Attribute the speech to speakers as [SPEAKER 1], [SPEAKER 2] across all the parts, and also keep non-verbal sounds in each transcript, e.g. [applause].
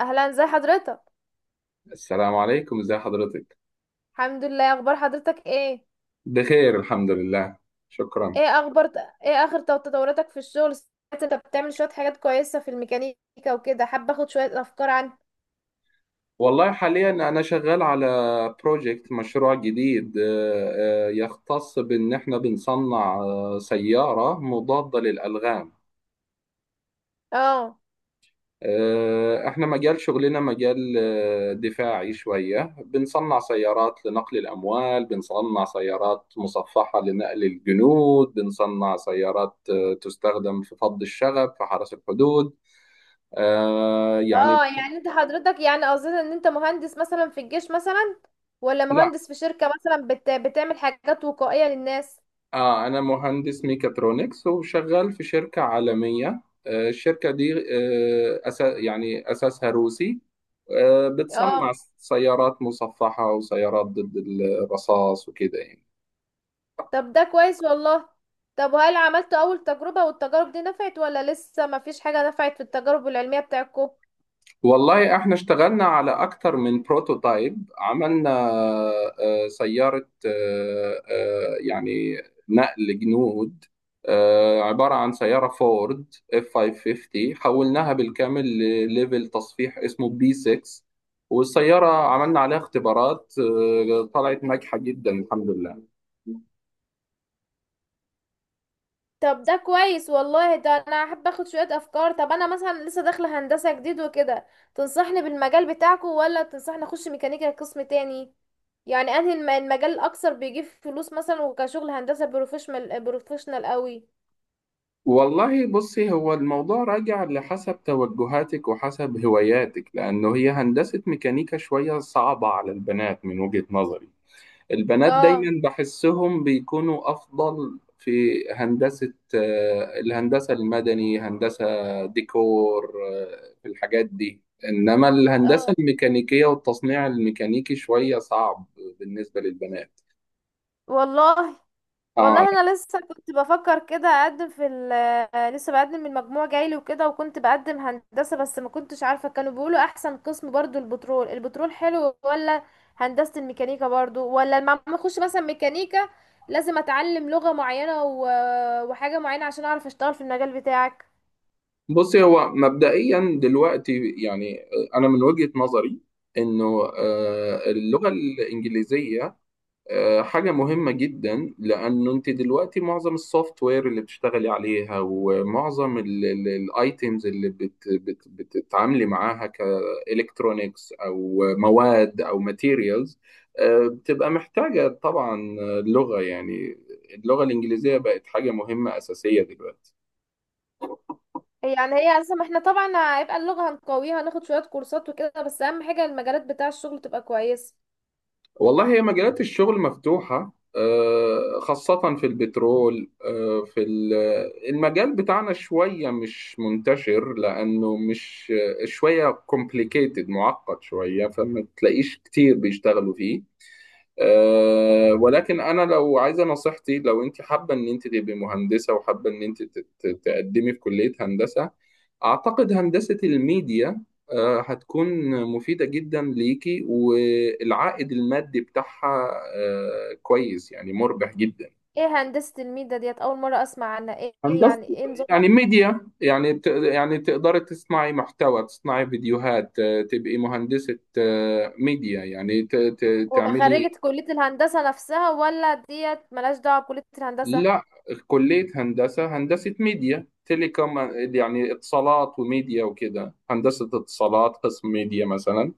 [SPEAKER 1] اهلا، زي حضرتك؟
[SPEAKER 2] السلام عليكم، ازي حضرتك؟
[SPEAKER 1] الحمد لله، اخبار حضرتك ايه؟
[SPEAKER 2] بخير الحمد لله. شكرا.
[SPEAKER 1] ايه اخبار؟ ايه اخر تطوراتك في الشغل، سمعت انت بتعمل شوية حاجات كويسة في الميكانيكا وكده، حابة اخد شوية افكار عن.
[SPEAKER 2] والله حاليا انا شغال على بروجكت مشروع جديد، يختص بان احنا بنصنع سيارة مضادة للألغام.
[SPEAKER 1] اه
[SPEAKER 2] احنا مجال شغلنا مجال دفاعي شوية، بنصنع سيارات لنقل الأموال، بنصنع سيارات مصفحة لنقل الجنود، بنصنع سيارات تستخدم في فض الشغب في حرس الحدود، يعني.
[SPEAKER 1] اه يعني انت حضرتك، يعني قصدك ان انت مهندس مثلا في الجيش مثلا، ولا
[SPEAKER 2] لا.
[SPEAKER 1] مهندس في شركة مثلا بتعمل حاجات وقائية للناس؟
[SPEAKER 2] اه، انا مهندس ميكاترونكس وشغال في شركة عالمية. الشركة دي آه، أسا يعني اساسها روسي. بتصنع
[SPEAKER 1] اه.
[SPEAKER 2] سيارات مصفحة وسيارات ضد الرصاص وكده يعني.
[SPEAKER 1] طب ده كويس والله. طب وهل عملت اول تجربة والتجارب دي نفعت ولا لسه مفيش حاجة نفعت في التجارب العلمية بتاعتكم؟
[SPEAKER 2] والله احنا اشتغلنا على اكتر من بروتوتايب. عملنا سيارة يعني نقل جنود، عبارة عن سيارة فورد اف 550 حولناها بالكامل لليفل تصفيح اسمه بي 6. والسيارة عملنا عليها اختبارات، طلعت ناجحة جدا الحمد لله.
[SPEAKER 1] طب ده كويس والله، ده انا احب اخد شوية افكار. طب انا مثلا لسه داخلة هندسة جديد وكده، تنصحني بالمجال بتاعكو ولا تنصحني اخش ميكانيكا قسم تاني؟ يعني انهي المجال الاكثر بيجيب فلوس مثلا، وكشغل هندسة بروفيشنال بروفيشنال قوي؟
[SPEAKER 2] والله بصي، هو الموضوع راجع لحسب توجهاتك وحسب هواياتك، لأنه هي هندسة ميكانيكا شوية صعبة على البنات من وجهة نظري. البنات
[SPEAKER 1] اه،
[SPEAKER 2] دايما بحسهم بيكونوا أفضل في هندسة الهندسة المدني، هندسة ديكور، في الحاجات دي، إنما الهندسة
[SPEAKER 1] اه،
[SPEAKER 2] الميكانيكية والتصنيع الميكانيكي شوية صعب بالنسبة للبنات.
[SPEAKER 1] والله.
[SPEAKER 2] اه.
[SPEAKER 1] والله انا لسه كنت بفكر كده اقدم في ال آه، لسه بقدم من مجموع جايلي وكده، وكنت بقدم هندسة بس ما كنتش عارفة، كانوا بيقولوا احسن قسم برضو البترول، البترول حلو ولا هندسة الميكانيكا برضو؟ ولا لما ما اخش مثلا ميكانيكا لازم اتعلم لغة معينة وحاجة معينة عشان اعرف اشتغل في المجال بتاعك؟
[SPEAKER 2] بصي هو مبدئيا دلوقتي يعني، انا من وجهة نظري انه اللغة الانجليزية حاجة مهمة جدا، لانه انت دلوقتي معظم السوفت وير اللي بتشتغلي عليها ومعظم الايتيمز اللي بت بت بتتعاملي معاها كالكترونيكس او مواد او ماتيريالز، بتبقى محتاجة طبعا لغة يعني. اللغة الانجليزية بقت حاجة مهمة اساسية دلوقتي.
[SPEAKER 1] يعني هي اصلا ما احنا طبعا هيبقى اللغة هنقويها، هناخد شوية كورسات وكده، بس اهم حاجة المجالات بتاع الشغل تبقى كويسة.
[SPEAKER 2] والله هي مجالات الشغل مفتوحة، خاصة في البترول. المجال بتاعنا شوية مش منتشر، لأنه مش شوية complicated، معقد شوية، فما تلاقيش كتير بيشتغلوا فيه. أه، ولكن انا لو عايزه نصيحتي، لو انت حابه ان انت تبقي مهندسه وحابه ان انت تقدمي في كليه هندسه، اعتقد هندسه الميديا هتكون مفيده جدا ليكي، والعائد المادي بتاعها كويس يعني، مربح جدا.
[SPEAKER 1] ايه هندسة الميدا ديت؟ اول مرة اسمع عنها. ايه، إيه
[SPEAKER 2] هندسه
[SPEAKER 1] يعني، ايه نظام؟
[SPEAKER 2] يعني ميديا، يعني يعني تقدري تصنعي محتوى، تصنعي فيديوهات، تبقي مهندسة ميديا، يعني
[SPEAKER 1] وابقى خريجة
[SPEAKER 2] تعملي.
[SPEAKER 1] كلية الهندسة نفسها ولا ديت ملهاش دعوة بكلية الهندسة؟
[SPEAKER 2] لا، كلية هندسة، هندسة ميديا تيليكوم، يعني اتصالات وميديا وكده، هندسة اتصالات قسم ميديا مثلا.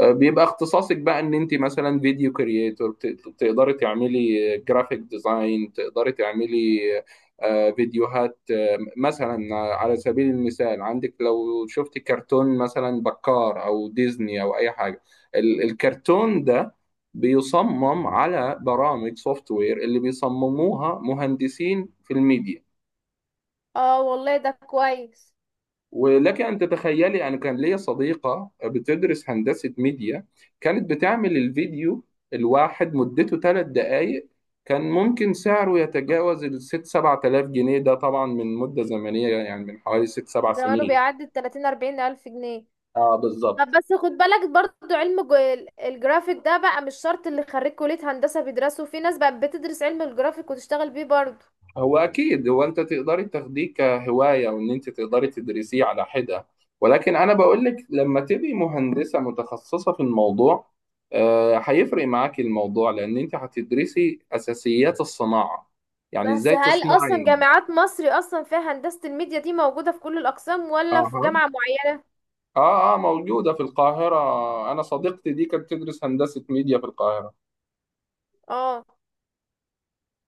[SPEAKER 2] بيبقى اختصاصك بقى ان انت مثلا فيديو كرييتور، تقدري تعملي جرافيك ديزاين، تقدري تعملي فيديوهات، مثلا على سبيل المثال، عندك لو شفت كرتون مثلا بكار او ديزني او اي حاجة، الكرتون ده بيصمم على برامج سوفت وير اللي بيصمموها مهندسين في الميديا.
[SPEAKER 1] اه والله ده كويس.
[SPEAKER 2] ولك أن تتخيلي، أنا كان ليا صديقة بتدرس هندسة ميديا، كانت بتعمل الفيديو الواحد مدته 3 دقايق، كان ممكن سعره يتجاوز 6 7 آلاف جنيه. ده طبعا من مدة زمنية، يعني من حوالي ست سبع
[SPEAKER 1] زمانه
[SPEAKER 2] سنين
[SPEAKER 1] بيعدي التلاتين، 40 ألف جنيه.
[SPEAKER 2] اه
[SPEAKER 1] طب
[SPEAKER 2] بالظبط.
[SPEAKER 1] بس خد بالك برضو علم الجرافيك ده بقى مش شرط اللي خريج كلية هندسة بيدرسه، في ناس بقى بتدرس علم الجرافيك وتشتغل بيه برضو.
[SPEAKER 2] هو اكيد، هو انت تقدري تاخديه كهوايه وان انت تقدري تدرسيه على حده، ولكن انا بقول لك لما تبقي مهندسه متخصصه في الموضوع، هيفرق معاكي الموضوع، لان انت هتدرسي اساسيات الصناعه، يعني
[SPEAKER 1] بس
[SPEAKER 2] ازاي
[SPEAKER 1] هل أصلا
[SPEAKER 2] تصنعي.
[SPEAKER 1] جامعات مصر أصلا فيها هندسة الميديا دي موجودة في كل الأقسام ولا في
[SPEAKER 2] اها.
[SPEAKER 1] جامعة معينة؟
[SPEAKER 2] اه اه، موجوده في القاهره. انا صديقتي دي كانت تدرس هندسه ميديا في القاهره.
[SPEAKER 1] اه.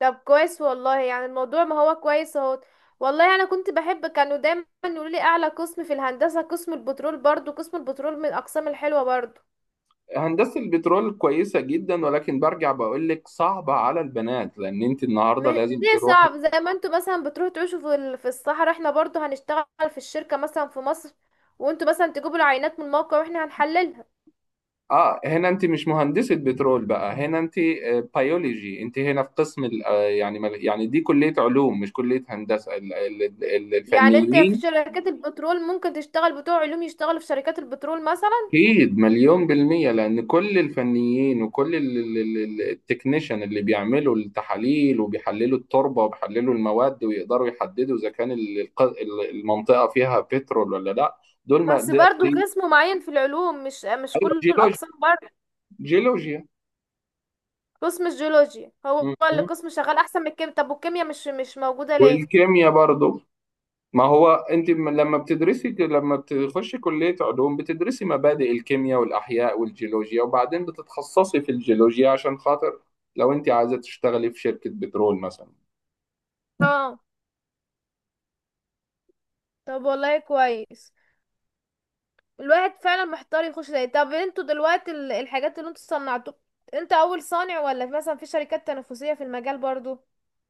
[SPEAKER 1] طب كويس والله، يعني الموضوع ما هو كويس اهو. والله انا كنت بحب، كانوا دايما يقولوا لي اعلى قسم في الهندسه قسم البترول، برضو قسم البترول من الاقسام الحلوه برضو.
[SPEAKER 2] هندسه البترول كويسه جدا، ولكن برجع بقول لك صعبه على البنات، لان انت النهارده لازم
[SPEAKER 1] ليه
[SPEAKER 2] تروحي.
[SPEAKER 1] صعب؟ زي ما انتوا مثلا بتروحوا تعيشوا في في الصحراء، احنا برضو هنشتغل في الشركه مثلا في مصر، وانتوا مثلا تجيبوا العينات من الموقع واحنا هنحللها.
[SPEAKER 2] اه، هنا انت مش مهندسة بترول بقى، هنا انت بيولوجي. انت هنا في قسم يعني يعني دي كلية علوم مش كلية هندسة
[SPEAKER 1] يعني انت في
[SPEAKER 2] الفنيين.
[SPEAKER 1] شركات البترول ممكن تشتغل بتوع علوم يشتغلوا في شركات البترول مثلا؟
[SPEAKER 2] اكيد 100%، لان كل الفنيين وكل التكنيشن اللي بيعملوا التحاليل وبيحللوا التربة وبيحللوا المواد ويقدروا يحددوا اذا كان المنطقة فيها بترول ولا لا. دول ما
[SPEAKER 1] بس برضو قسم معين في العلوم، مش
[SPEAKER 2] ايوه
[SPEAKER 1] كل
[SPEAKER 2] جيولوجيا.
[SPEAKER 1] الاقسام برضو.
[SPEAKER 2] جيولوجيا.
[SPEAKER 1] قسم الجيولوجيا هو
[SPEAKER 2] م-
[SPEAKER 1] اللي
[SPEAKER 2] م.
[SPEAKER 1] قسم شغال احسن من الكيمياء، طب والكيمياء مش موجوده ليه؟
[SPEAKER 2] والكيمياء برضو. ما هو انت لما بتدرسي، لما بتخشي كلية علوم، بتدرسي مبادئ الكيمياء والأحياء والجيولوجيا، وبعدين بتتخصصي في الجيولوجيا عشان خاطر لو انت عايزة تشتغلي في شركة بترول مثلا.
[SPEAKER 1] اه. طب والله كويس. الواحد فعلا محتار يخش ده. طب انتوا دلوقتي الحاجات اللي انتوا صنعتوها، انت اول صانع ولا مثلا في شركات تنافسية في المجال برضو؟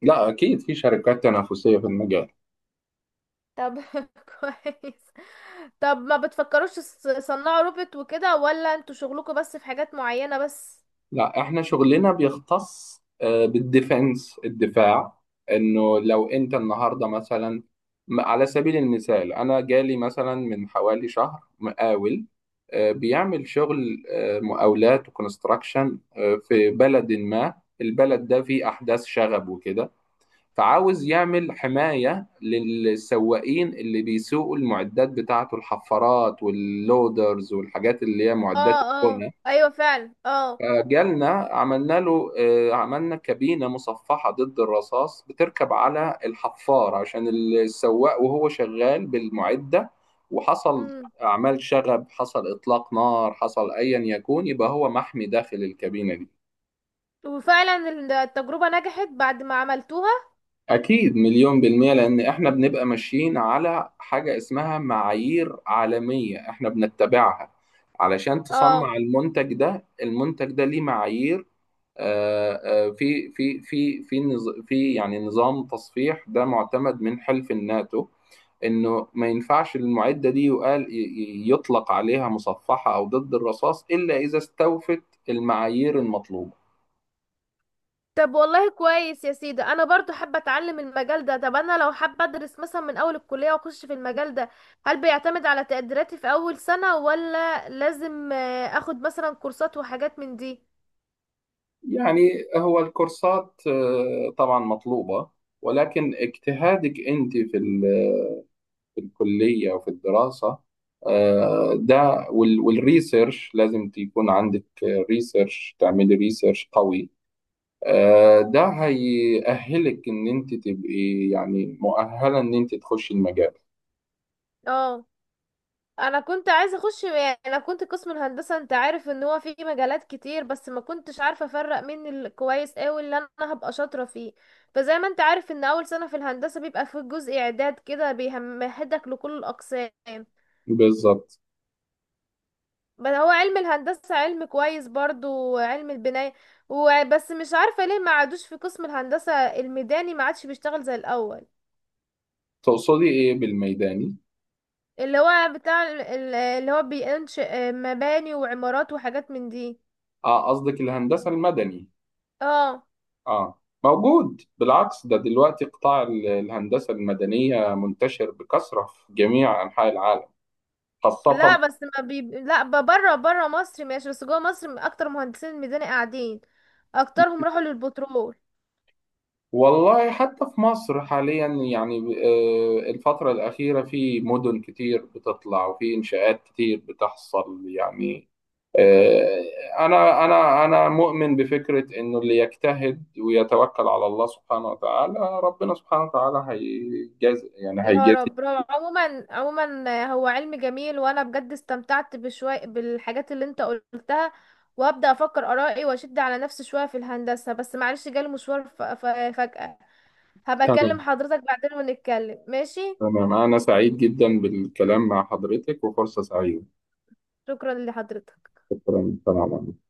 [SPEAKER 2] لا أكيد في شركات تنافسية في المجال.
[SPEAKER 1] طب [laughs] كويس. طب ما بتفكروش تصنعوا روبوت وكده، ولا انتوا شغلكم بس في حاجات معينة بس؟
[SPEAKER 2] لا احنا شغلنا بيختص بالديفنس الدفاع. انه لو انت النهارده مثلا، على سبيل المثال انا جالي مثلا من حوالي شهر مقاول، بيعمل شغل مقاولات وكونستراكشن في بلد ما، البلد ده فيه احداث شغب وكده، فعاوز يعمل حماية للسواقين اللي بيسوقوا المعدات بتاعته، الحفارات واللودرز والحاجات اللي هي معدات
[SPEAKER 1] اه، اه،
[SPEAKER 2] البناء.
[SPEAKER 1] ايوه فعلا، اه.
[SPEAKER 2] فجالنا عملنا له، عملنا كابينة مصفحة ضد الرصاص بتركب على الحفار عشان السواق وهو شغال بالمعدة. وحصل
[SPEAKER 1] امم
[SPEAKER 2] أعمال شغب، حصل إطلاق نار، حصل أيا يكون، يبقى هو محمي داخل الكابينة دي.
[SPEAKER 1] وفعلا التجربة نجحت بعد ما عملتوها؟
[SPEAKER 2] أكيد 100%، لأن إحنا بنبقى ماشيين على حاجة اسمها معايير عالمية إحنا بنتبعها علشان تصنع
[SPEAKER 1] اه.
[SPEAKER 2] المنتج ده. المنتج ده ليه معايير. آه، في يعني نظام تصفيح ده معتمد من حلف الناتو، انه ما ينفعش المعده دي يقال يطلق عليها مصفحه او ضد الرصاص الا اذا استوفت المعايير المطلوبه.
[SPEAKER 1] طب والله كويس يا سيدي، انا برضو حابه اتعلم المجال ده. طب انا لو حابه ادرس مثلا من اول الكليه واخش في المجال ده، هل بيعتمد على تقديراتي في اول سنه ولا لازم اخد مثلا كورسات وحاجات من دي؟
[SPEAKER 2] يعني هو الكورسات طبعا مطلوبه، ولكن اجتهادك انت في في الكليه وفي الدراسه، والريسيرش لازم تكون عندك، ريسيرش، تعملي ريسيرش قوي. ده هيأهلك إن أنت تبقي يعني مؤهلة إن أنت تخشي المجال.
[SPEAKER 1] اه. انا كنت عايزه اخش، يعني انا كنت قسم الهندسه، انت عارف ان هو فيه مجالات كتير بس ما كنتش عارفه افرق مين الكويس قوي اللي انا هبقى شاطره فيه، فزي ما انت عارف ان اول سنه في الهندسه بيبقى فيه جزء اعداد كده بيمهدك لكل الاقسام.
[SPEAKER 2] بالظبط.
[SPEAKER 1] بل هو علم الهندسة علم كويس برضو، وعلم البناية. وبس مش عارفة ليه ما عادوش في قسم الهندسة الميداني، ما عادش بيشتغل زي الأول.
[SPEAKER 2] تقصدي إيه بالميداني؟
[SPEAKER 1] اللي هو بتاع اللي هو بينشئ مباني وعمارات وحاجات من دي.
[SPEAKER 2] آه قصدك الهندسة المدني.
[SPEAKER 1] اه.
[SPEAKER 2] آه موجود، بالعكس ده دلوقتي قطاع الهندسة المدنية منتشر بكثرة في جميع أنحاء العالم،
[SPEAKER 1] لا
[SPEAKER 2] خاصة.
[SPEAKER 1] بس ما بي... لا ب- بره بره مصر ماشي، بس جوه مصر اكتر مهندسين الميداني قاعدين، اكترهم راحوا للبترول.
[SPEAKER 2] والله حتى في مصر حاليا يعني، الفترة الأخيرة في مدن كتير بتطلع وفي إنشاءات كتير بتحصل يعني. آه، أنا مؤمن بفكرة، إنه اللي يجتهد ويتوكل على الله سبحانه وتعالى، ربنا سبحانه وتعالى هيجازي، يعني
[SPEAKER 1] يا
[SPEAKER 2] هيجازي.
[SPEAKER 1] رب برافو. عموما عموما هو علم جميل، وانا بجد استمتعت بشوية بالحاجات اللي انت قلتها، وهبدأ افكر ارائي واشد على نفسي شوية في الهندسة، بس معلش جالي مشوار فجأة. هبقى
[SPEAKER 2] تمام.
[SPEAKER 1] اكلم حضرتك بعدين ونتكلم، ماشي؟
[SPEAKER 2] تمام، أنا سعيد جدا بالكلام مع حضرتك وفرصة سعيدة.
[SPEAKER 1] شكرا لحضرتك.
[SPEAKER 2] شكرا تمام.